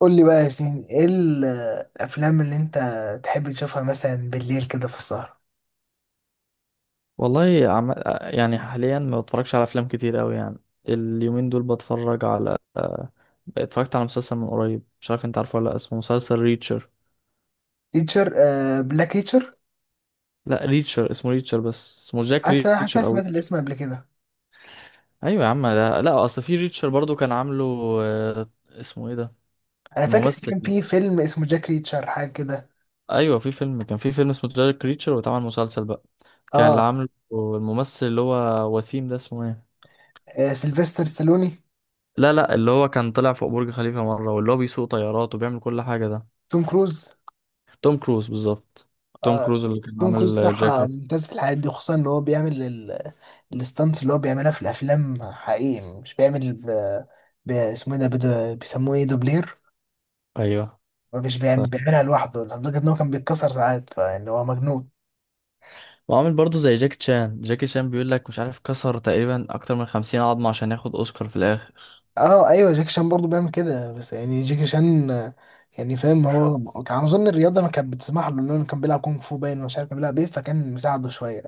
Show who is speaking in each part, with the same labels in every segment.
Speaker 1: قول لي بقى يا ياسين، ايه الافلام اللي انت تحب تشوفها مثلا بالليل كده في السهرة؟
Speaker 2: والله يعني حاليا ما بتفرجش على افلام كتير قوي يعني. اليومين دول بتفرج على اتفرجت على مسلسل من قريب، مش عارف انت عارفه ولا لا، اسمه مسلسل ريتشر.
Speaker 1: ريتشر، بلاك ريتشر.
Speaker 2: لا، ريتشر اسمه ريتشر، بس اسمه جاك
Speaker 1: حاسس انا
Speaker 2: ريتشر او
Speaker 1: سمعت
Speaker 2: ريتشر.
Speaker 1: الاسم قبل كده.
Speaker 2: ايوه يا عم، ده لا اصل في ريتشر برضو كان عامله اسمه ايه ده؟
Speaker 1: انا فاكر إن
Speaker 2: الممثل.
Speaker 1: كان في فيلم اسمه جاك ريتشر، حاجه كده.
Speaker 2: ايوه في فيلم، كان في فيلم اسمه جاك ريتشر واتعمل مسلسل بقى. كان اللي
Speaker 1: اه،
Speaker 2: عامله الممثل اللي هو وسيم ده اسمه ايه؟
Speaker 1: آه، سيلفستر ستالوني.
Speaker 2: لا لا، اللي هو كان طلع فوق برج خليفة مرة، واللي هو بيسوق طيارات وبيعمل كل حاجة ده.
Speaker 1: توم كروز.
Speaker 2: توم كروز بالظبط. توم
Speaker 1: آه.
Speaker 2: كروز اللي كان
Speaker 1: توم كروز
Speaker 2: عامل
Speaker 1: صراحه
Speaker 2: جاكيت.
Speaker 1: ممتاز في الحاجات دي، خصوصا ان هو بيعمل الستانتس اللي هو بيعملها في الافلام حقيقي. مش بيعمل اسمه ايه ده، بيسموه ايه، دوبلير.
Speaker 2: ايوه
Speaker 1: مش
Speaker 2: ف-
Speaker 1: بيعمل... بيعملها لوحده، لدرجه ان هو كان بيتكسر ساعات، فان هو مجنون.
Speaker 2: وعامل برضه زي جاكي شان. جاكي شان بيقول لك مش عارف كسر تقريبا اكتر من 50 عظمة عشان ياخد اوسكار في الاخر.
Speaker 1: اه ايوه، جاكي شان برضه بيعمل كده، بس يعني جاكي شان يعني فاهم، هو كان اظن الرياضه ما كانت بتسمح له، لانه كان بيلعب كونغ فو، باين مش عارف كان بيلعب ايه، فكان مساعده شويه.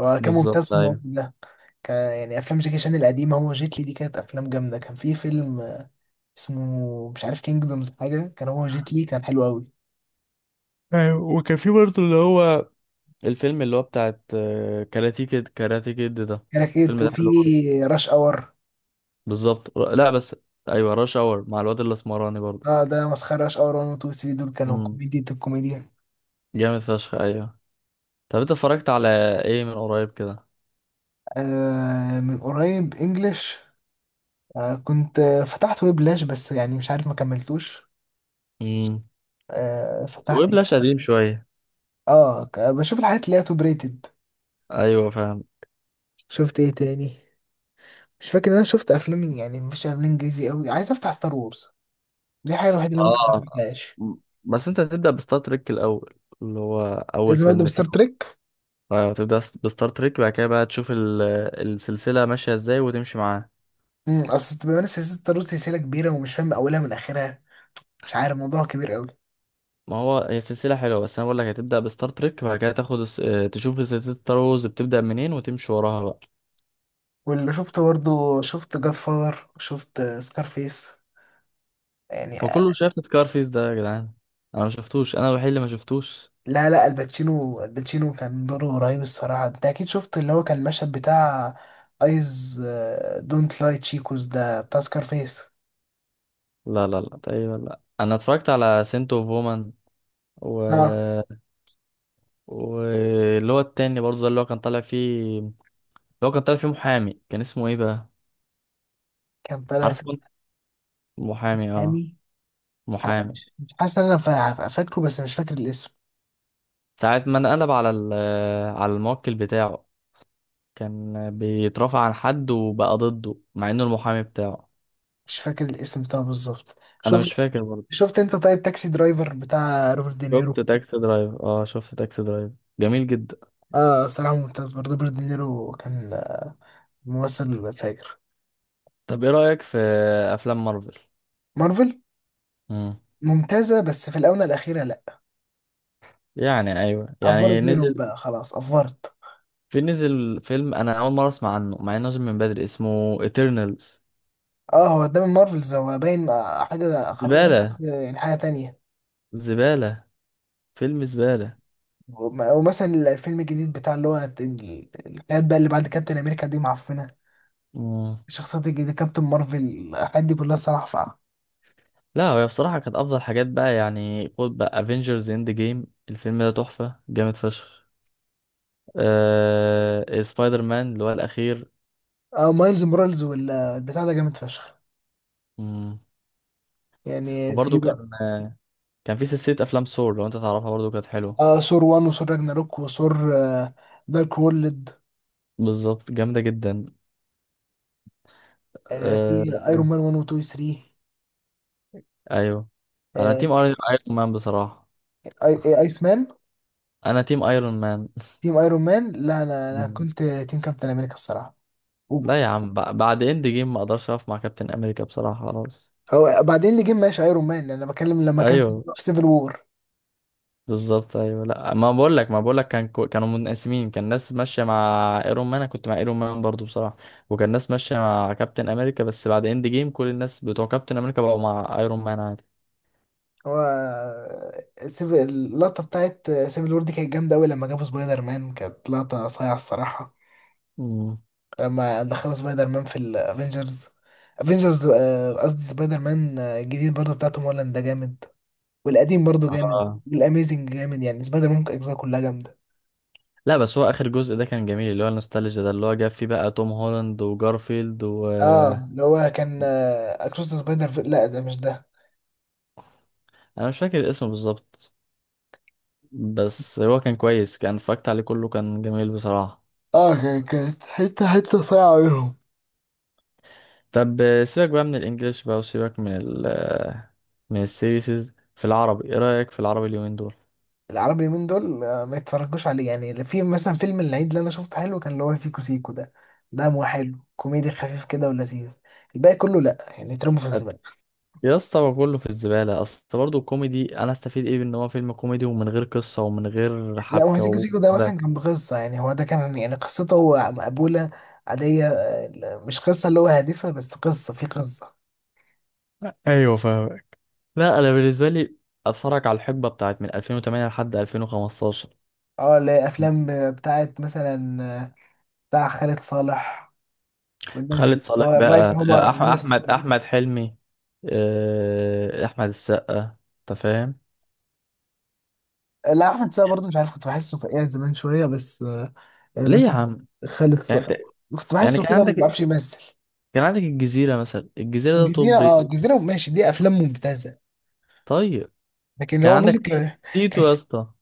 Speaker 1: هو كان ممتاز
Speaker 2: بالظبط
Speaker 1: في الموضوع
Speaker 2: ايوه.
Speaker 1: ده. كان يعني افلام جاكي شان القديمه، هو جيت لي، دي كانت افلام جامده. كان في فيلم اسمه مش عارف كينجدومز، حاجه كان هو جيت لي، كان حلو قوي.
Speaker 2: ايوه وكان في برضه اللي هو الفيلم اللي هو بتاعت كاراتي كيد. كاراتي كيد ده
Speaker 1: كراكيت،
Speaker 2: الفيلم ده
Speaker 1: وفي
Speaker 2: حلو برضه.
Speaker 1: راش اور.
Speaker 2: بالظبط لا بس. ايوه راش اور مع الواد الاسمراني برضه.
Speaker 1: اه ده مسخره، راش اور 1 و 2 و 3 دول كانوا
Speaker 2: امم
Speaker 1: كوميديا، الكوميديا.
Speaker 2: جامد فشخ ايوه. طب انت اتفرجت على ايه من قريب كده؟
Speaker 1: آه، من قريب انجلش. كنت فتحت ويب لاش، بس يعني مش عارف ما كملتوش.
Speaker 2: امم
Speaker 1: فتحت ايه.
Speaker 2: ويبلاش قديم شويه.
Speaker 1: اه، بشوف الحاجات اللي هي توب ريتد.
Speaker 2: ايوه فاهم.
Speaker 1: شفت ايه تاني؟ مش فاكر ان انا شفت افلام، يعني مش افلام انجليزي قوي. عايز افتح ستار وورز، دي الحاجه الوحيده اللي ممكن ما
Speaker 2: اه
Speaker 1: افتحهاش.
Speaker 2: م- بس انت هتبدأ بستار تريك الأول، اللي هو أول
Speaker 1: لازم ابدا
Speaker 2: فيلم
Speaker 1: بستار
Speaker 2: فيهم.
Speaker 1: تريك.
Speaker 2: هتبدأ بستار تريك، بعد كده بقى تشوف السلسلة ماشية ازاي وتمشي معاها.
Speaker 1: اصل بما ان سلسله ستار وورز سلسله كبيره، ومش فاهم اولها من اخرها، مش عارف الموضوع كبير قوي.
Speaker 2: ما هو هي سلسلة حلوة، بس أنا بقول لك هتبدأ بستار تريك، بعد كده تاخد تشوف سلسلة ستار وورز بتبدأ منين وتمشي وراها بقى.
Speaker 1: واللي شفته برضه، شفت جاد فاذر، شفت سكارفيس يعني.
Speaker 2: وكله شاف سكارفيس ده يا جدعان. أنا ما شفتوش، أنا الوحيد اللي ما شفتوش.
Speaker 1: لا لا، الباتشينو كان دوره رهيب الصراحة. انت اكيد شفت اللي هو كان المشهد بتاع ايز دونت لاي تشيكوز، ده بتاع سكارفيس.
Speaker 2: لا لا لا، تقريبا لا، أنا اتفرجت على سنت اوف وومن و...
Speaker 1: اه،
Speaker 2: واللي هو التاني برضه ده اللي هو كان طالع فيه. لو كان طالع فيه محامي كان اسمه ايه بقى؟
Speaker 1: كان طالع
Speaker 2: عارف
Speaker 1: في
Speaker 2: كنت محامي اه.
Speaker 1: محامي.
Speaker 2: محامي.
Speaker 1: مش مش حاسس ان انا فاكره، بس مش فاكر الاسم.
Speaker 2: ساعة ما انقلب على على الموكل بتاعه، كان بيترافع عن حد وبقى ضده مع انه المحامي بتاعه.
Speaker 1: مش فاكر الاسم بتاعه بالظبط.
Speaker 2: انا
Speaker 1: شفت،
Speaker 2: مش فاكر برضه.
Speaker 1: شفت انت طيب تاكسي درايفر بتاع روبرت دينيرو؟
Speaker 2: شفت تاكسي درايفر. اه شفت تاكسي درايفر جميل جدا.
Speaker 1: اه صراحة ممتاز، برضه روبرت دينيرو كان ممثل فاجر.
Speaker 2: طب ايه رأيك في افلام مارفل؟
Speaker 1: مارفل
Speaker 2: مم.
Speaker 1: ممتازة، بس في الآونة الأخيرة لأ.
Speaker 2: يعني ايوه،
Speaker 1: أفورت
Speaker 2: يعني
Speaker 1: منهم
Speaker 2: نزل،
Speaker 1: بقى، خلاص أفورت.
Speaker 2: في نزل فيلم انا اول مرة اسمع عنه مع انه نازل من بدري اسمه ايترنالز.
Speaker 1: اه، هو ده من مارفلز، هو باين حاجة خارقين بس
Speaker 2: زبالة،
Speaker 1: يعني حاجة تانية.
Speaker 2: زبالة، فيلم زبالة.
Speaker 1: ومثلا الفيلم الجديد بتاع اللي هو الحاجات بقى اللي بعد كابتن أمريكا دي معفنة.
Speaker 2: مم.
Speaker 1: الشخصيات الجديدة كابتن مارفل، الحاجات دي كلها الصراحة فقعة.
Speaker 2: لا هي بصراحة كانت أفضل حاجات بقى، يعني خد بقى افنجرز اند جيم، الفيلم ده تحفة جامد فشخ. سبايدر مان اللي هو الأخير.
Speaker 1: اه مايلز مورالز والبتاع ده جامد فشخ،
Speaker 2: مم.
Speaker 1: يعني في
Speaker 2: وبرضه
Speaker 1: بقى
Speaker 2: كان كان في سلسلة أفلام سور لو أنت تعرفها برضه كانت حلوة.
Speaker 1: اه ثور 1 وثور راجناروك وثور دارك وورلد.
Speaker 2: بالظبط جامدة جدا.
Speaker 1: آه، في
Speaker 2: أه...
Speaker 1: ايرون مان 1 و 2 و 3.
Speaker 2: أيوه. أنا
Speaker 1: آه،
Speaker 2: تيم أيرون مان بصراحة.
Speaker 1: اي ايس مان.
Speaker 2: أنا تيم أيرون مان.
Speaker 1: تيم ايرون مان، لا، انا انا
Speaker 2: مم.
Speaker 1: كنت تيم كابتن امريكا الصراحة.
Speaker 2: لا يا عم، بعد اند جيم ما أقدرش أقف مع كابتن أمريكا بصراحة، خلاص.
Speaker 1: هو بعدين نجيب ماشي ايرون مان، انا بتكلم لما كان في
Speaker 2: أيوه
Speaker 1: في سيفل وور.
Speaker 2: بالظبط ايوه. لا ما بقول لك، ما بقول لك كان كانوا منقسمين. كان ناس ماشيه مع ايرون مان، انا كنت مع ايرون مان برضو بصراحه. وكان ناس ماشيه مع كابتن امريكا، بس بعد اند جيم كل الناس بتوع كابتن امريكا بقوا مع ايرون مان عادي.
Speaker 1: هو سيفل، اللقطه بتاعت سيفل وور دي كانت جامده قوي، لما جابوا سبايدر مان كانت لقطه صايعه الصراحه،
Speaker 2: مم.
Speaker 1: لما دخلوا سبايدر مان في الافينجرز، افينجرز، قصدي سبايدر مان الجديد برضه بتاع توم هولاند ده جامد. والقديم برضه جامد،
Speaker 2: آه.
Speaker 1: والاميزنج جامد، يعني سبايدر مان اجزاء كلها جامده.
Speaker 2: لا بس هو اخر جزء ده كان جميل، اللي هو النوستالجيا ده اللي هو جاب فيه بقى توم هولاند وجارفيلد و...
Speaker 1: اه اللي هو كان اكروس سبايدر في... لا ده مش ده.
Speaker 2: انا مش فاكر اسمه بالظبط، بس هو كان كويس، كان اتفرجت عليه كله كان جميل بصراحه.
Speaker 1: اه كانت حته حته صايعه منهم.
Speaker 2: طب سيبك بقى من الانجليش بقى وسيبك من ال من السيريسز في العربي. ايه رأيك في العربي اليومين دول؟
Speaker 1: العربي اليومين دول ما يتفرجوش عليه، يعني في مثلا فيلم العيد اللي انا شفته حلو كان، اللي هو سيكو سيكو ده، ده مو حلو، كوميدي خفيف كده ولذيذ. الباقي كله لا، يعني يترموا في
Speaker 2: أت-
Speaker 1: الزباله.
Speaker 2: يا اسطى هو كله في الزبالة، اصل برضه الكوميدي انا استفيد ايه بان هو فيلم كوميدي ومن غير قصة ومن غير
Speaker 1: لا ما هو
Speaker 2: حبكة
Speaker 1: سيكو سيكو ده
Speaker 2: وده.
Speaker 1: مثلا كان بقصه، يعني هو ده كان يعني قصته هو مقبوله عاديه، مش قصه اللي هو هادفه، بس قصه في قصه.
Speaker 2: ايوه فاهم. لا انا بالنسبة لي اتفرج على الحقبة بتاعت من 2008 لحد 2015.
Speaker 1: اه اللي هي افلام بتاعت مثلا آه، بتاع خالد صالح والناس
Speaker 2: خالد
Speaker 1: دي، اللي
Speaker 2: صالح
Speaker 1: هو الريس
Speaker 2: بقى
Speaker 1: عمر، الريس.
Speaker 2: احمد حلمي، احمد السقا انت فاهم.
Speaker 1: لا، احمد السقا برضه مش عارف، كنت بحسه فقيع زمان شويه، بس يعني
Speaker 2: ليه يا
Speaker 1: مثلا
Speaker 2: عم؟
Speaker 1: خالد
Speaker 2: يعني
Speaker 1: صقر،
Speaker 2: انت،
Speaker 1: كنت
Speaker 2: يعني
Speaker 1: بحسه
Speaker 2: كان
Speaker 1: كده ما
Speaker 2: عندك،
Speaker 1: بيعرفش يمثل.
Speaker 2: كان عندك الجزيرة مثلا، الجزيرة ده
Speaker 1: الجزيرة،
Speaker 2: توب
Speaker 1: اه
Speaker 2: ريتد.
Speaker 1: الجزيرة ماشي، دي أفلام ممتازة،
Speaker 2: طيب
Speaker 1: لكن
Speaker 2: كان
Speaker 1: هو مثلا
Speaker 2: عندك
Speaker 1: كان،
Speaker 2: تيتو
Speaker 1: كان
Speaker 2: يا
Speaker 1: في
Speaker 2: اسطى.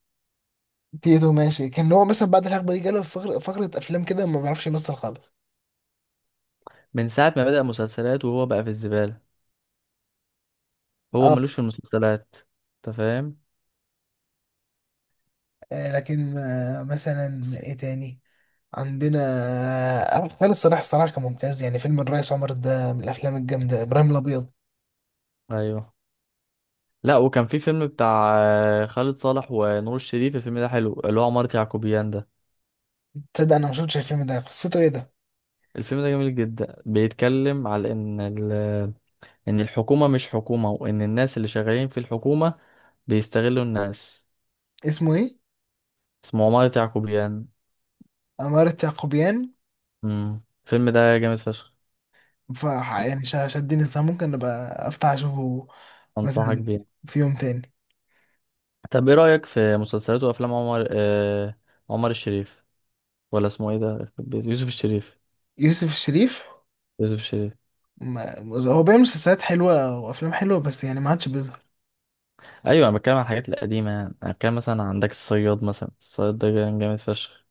Speaker 1: تيتو ماشي، كان هو مثلا بعد الحقبة دي جاله فقرة أفلام كده ما بيعرفش يمثل خالص.
Speaker 2: من ساعة ما بدأ مسلسلات وهو بقى في الزبالة، هو
Speaker 1: اه.
Speaker 2: ملوش في المسلسلات، انت فاهم.
Speaker 1: لكن مثلا ايه تاني عندنا، خالد صلاح الصراحة كان ممتاز، يعني فيلم الريس عمر ده من الأفلام الجامدة، إبراهيم الأبيض.
Speaker 2: ايوه. لا وكان في فيلم بتاع خالد صالح ونور الشريف، الفيلم ده حلو، اللي هو عمارة يعقوبيان ده.
Speaker 1: تصدق أنا ما شفتش الفيلم ده، قصته ايه ده،
Speaker 2: الفيلم ده جميل جدا، بيتكلم على ان ان الحكومة مش حكومة، وان الناس اللي شغالين في الحكومة بيستغلوا الناس.
Speaker 1: اسمه ايه؟
Speaker 2: اسمه عمارة يعقوبيان.
Speaker 1: عمارة يعقوبيان.
Speaker 2: الفيلم ده جامد فشخ.
Speaker 1: ف يعني شدني الصراحة، ممكن أبقى أفتح أشوفه
Speaker 2: انصحك
Speaker 1: مثلا
Speaker 2: بيه.
Speaker 1: في يوم تاني.
Speaker 2: طب ايه رأيك في مسلسلات وافلام عمر عمر الشريف، ولا اسمه ايه ده؟ يوسف الشريف.
Speaker 1: يوسف الشريف،
Speaker 2: يوسف الشريف.
Speaker 1: ما هو بيعمل مسلسلات حلوة وأفلام حلوة، بس يعني ما عادش بيظهر.
Speaker 2: ايوه انا بتكلم عن الحاجات القديمه، يعني انا بتكلم مثلا عندك الصياد مثلا، الصياد ده كان جامد فشخ.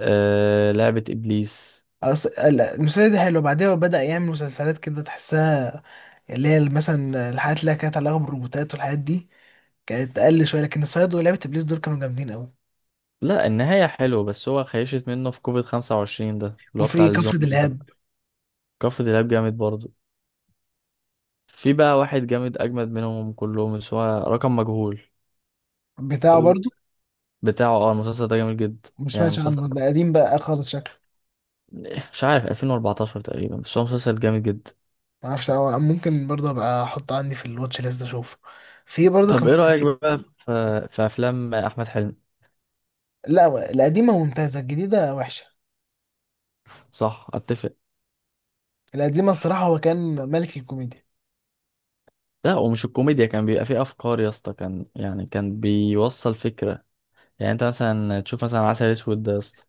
Speaker 2: لعبة ابليس.
Speaker 1: لا، المسلسل ده حلو، بعدها هو بدأ يعمل مسلسلات كده تحسها، اللي هي مثلا الحاجات اللي كانت علاقة بالروبوتات والحاجات دي، كانت أقل شوية، لكن الصياد ولعبة إبليس دول كانوا جامدين أوي.
Speaker 2: لا النهاية حلوة، بس هو خيشت منه في كوفيد 25 ده اللي هو بتاع
Speaker 1: وفي كفر
Speaker 2: الزومبي ده.
Speaker 1: دلهاب
Speaker 2: كفر دلاب جامد برضه. في بقى واحد جامد اجمد منهم كلهم، بس هو رقم مجهول.
Speaker 1: بتاعه
Speaker 2: ال-
Speaker 1: برضو.
Speaker 2: بتاعه اه المسلسل ده جامد جدا
Speaker 1: ما
Speaker 2: يعني
Speaker 1: سمعتش
Speaker 2: مسلسل.
Speaker 1: عنه، ده قديم بقى خالص شكله،
Speaker 2: مش عارف 2014 تقريبا، بس هو مسلسل جامد جدا.
Speaker 1: ما اعرفش، أو ممكن برضه ابقى احطه عندي في الواتش ليست اشوفه. في برضه
Speaker 2: طب
Speaker 1: كان
Speaker 2: ايه
Speaker 1: مسلسل.
Speaker 2: رأيك بقى في في افلام احمد حلمي؟
Speaker 1: لا، القديمة ممتازة، الجديدة وحشة.
Speaker 2: صح اتفق.
Speaker 1: القديمة الصراحة هو كان ملك الكوميديا.
Speaker 2: لا ومش الكوميديا، كان بيبقى فيه افكار يا اسطى، كان يعني كان بيوصل فكرة. يعني انت مثلا تشوف مثلا عسل اسود ده يا اسطى،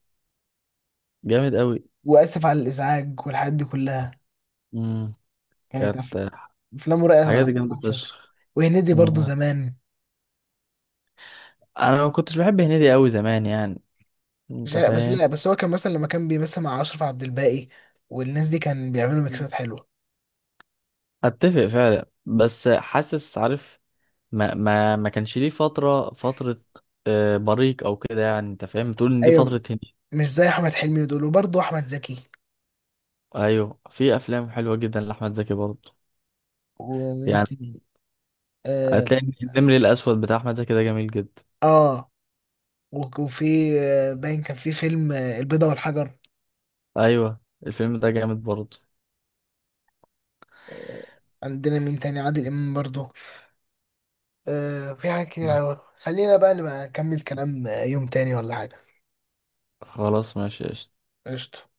Speaker 2: جامد قوي.
Speaker 1: وآسف على الإزعاج والحاجات دي كلها
Speaker 2: امم
Speaker 1: كانت
Speaker 2: كانت
Speaker 1: أفلامه رايقة
Speaker 2: حاجات
Speaker 1: صراحة
Speaker 2: جامدة
Speaker 1: فشخ.
Speaker 2: فشخ.
Speaker 1: وهنيدي برضه
Speaker 2: مم.
Speaker 1: زمان،
Speaker 2: انا ما كنتش بحب هنيدي قوي زمان يعني،
Speaker 1: مش
Speaker 2: انت
Speaker 1: بس
Speaker 2: فاهم.
Speaker 1: لا، بس هو كان مثلا لما كان بيمثل مع أشرف عبد الباقي والناس دي كان بيعملوا ميكسات حلوة.
Speaker 2: اتفق فعلا، بس حاسس عارف ما كانش ليه فترة، بريق او كده يعني، انت فاهم، تقول ان دي
Speaker 1: أيوة،
Speaker 2: فترة هندي.
Speaker 1: مش زي أحمد حلمي ودول، وبرضه أحمد زكي
Speaker 2: ايوه في افلام حلوة جدا لاحمد زكي برضه.
Speaker 1: ومين
Speaker 2: يعني
Speaker 1: تاني. آه،
Speaker 2: هتلاقي إن النمر الاسود بتاع احمد زكي ده جميل جدا.
Speaker 1: آه وفي باين كان في فيلم البيضة والحجر.
Speaker 2: ايوه الفيلم ده جامد برضه.
Speaker 1: آه، عندنا مين تاني، عادل إمام برضه. آه، في حاجات كتير أوي، خلينا بقى نبقى نكمل كلام يوم تاني ولا حاجة.
Speaker 2: خلاص ماشي قشطة.
Speaker 1: قشطة.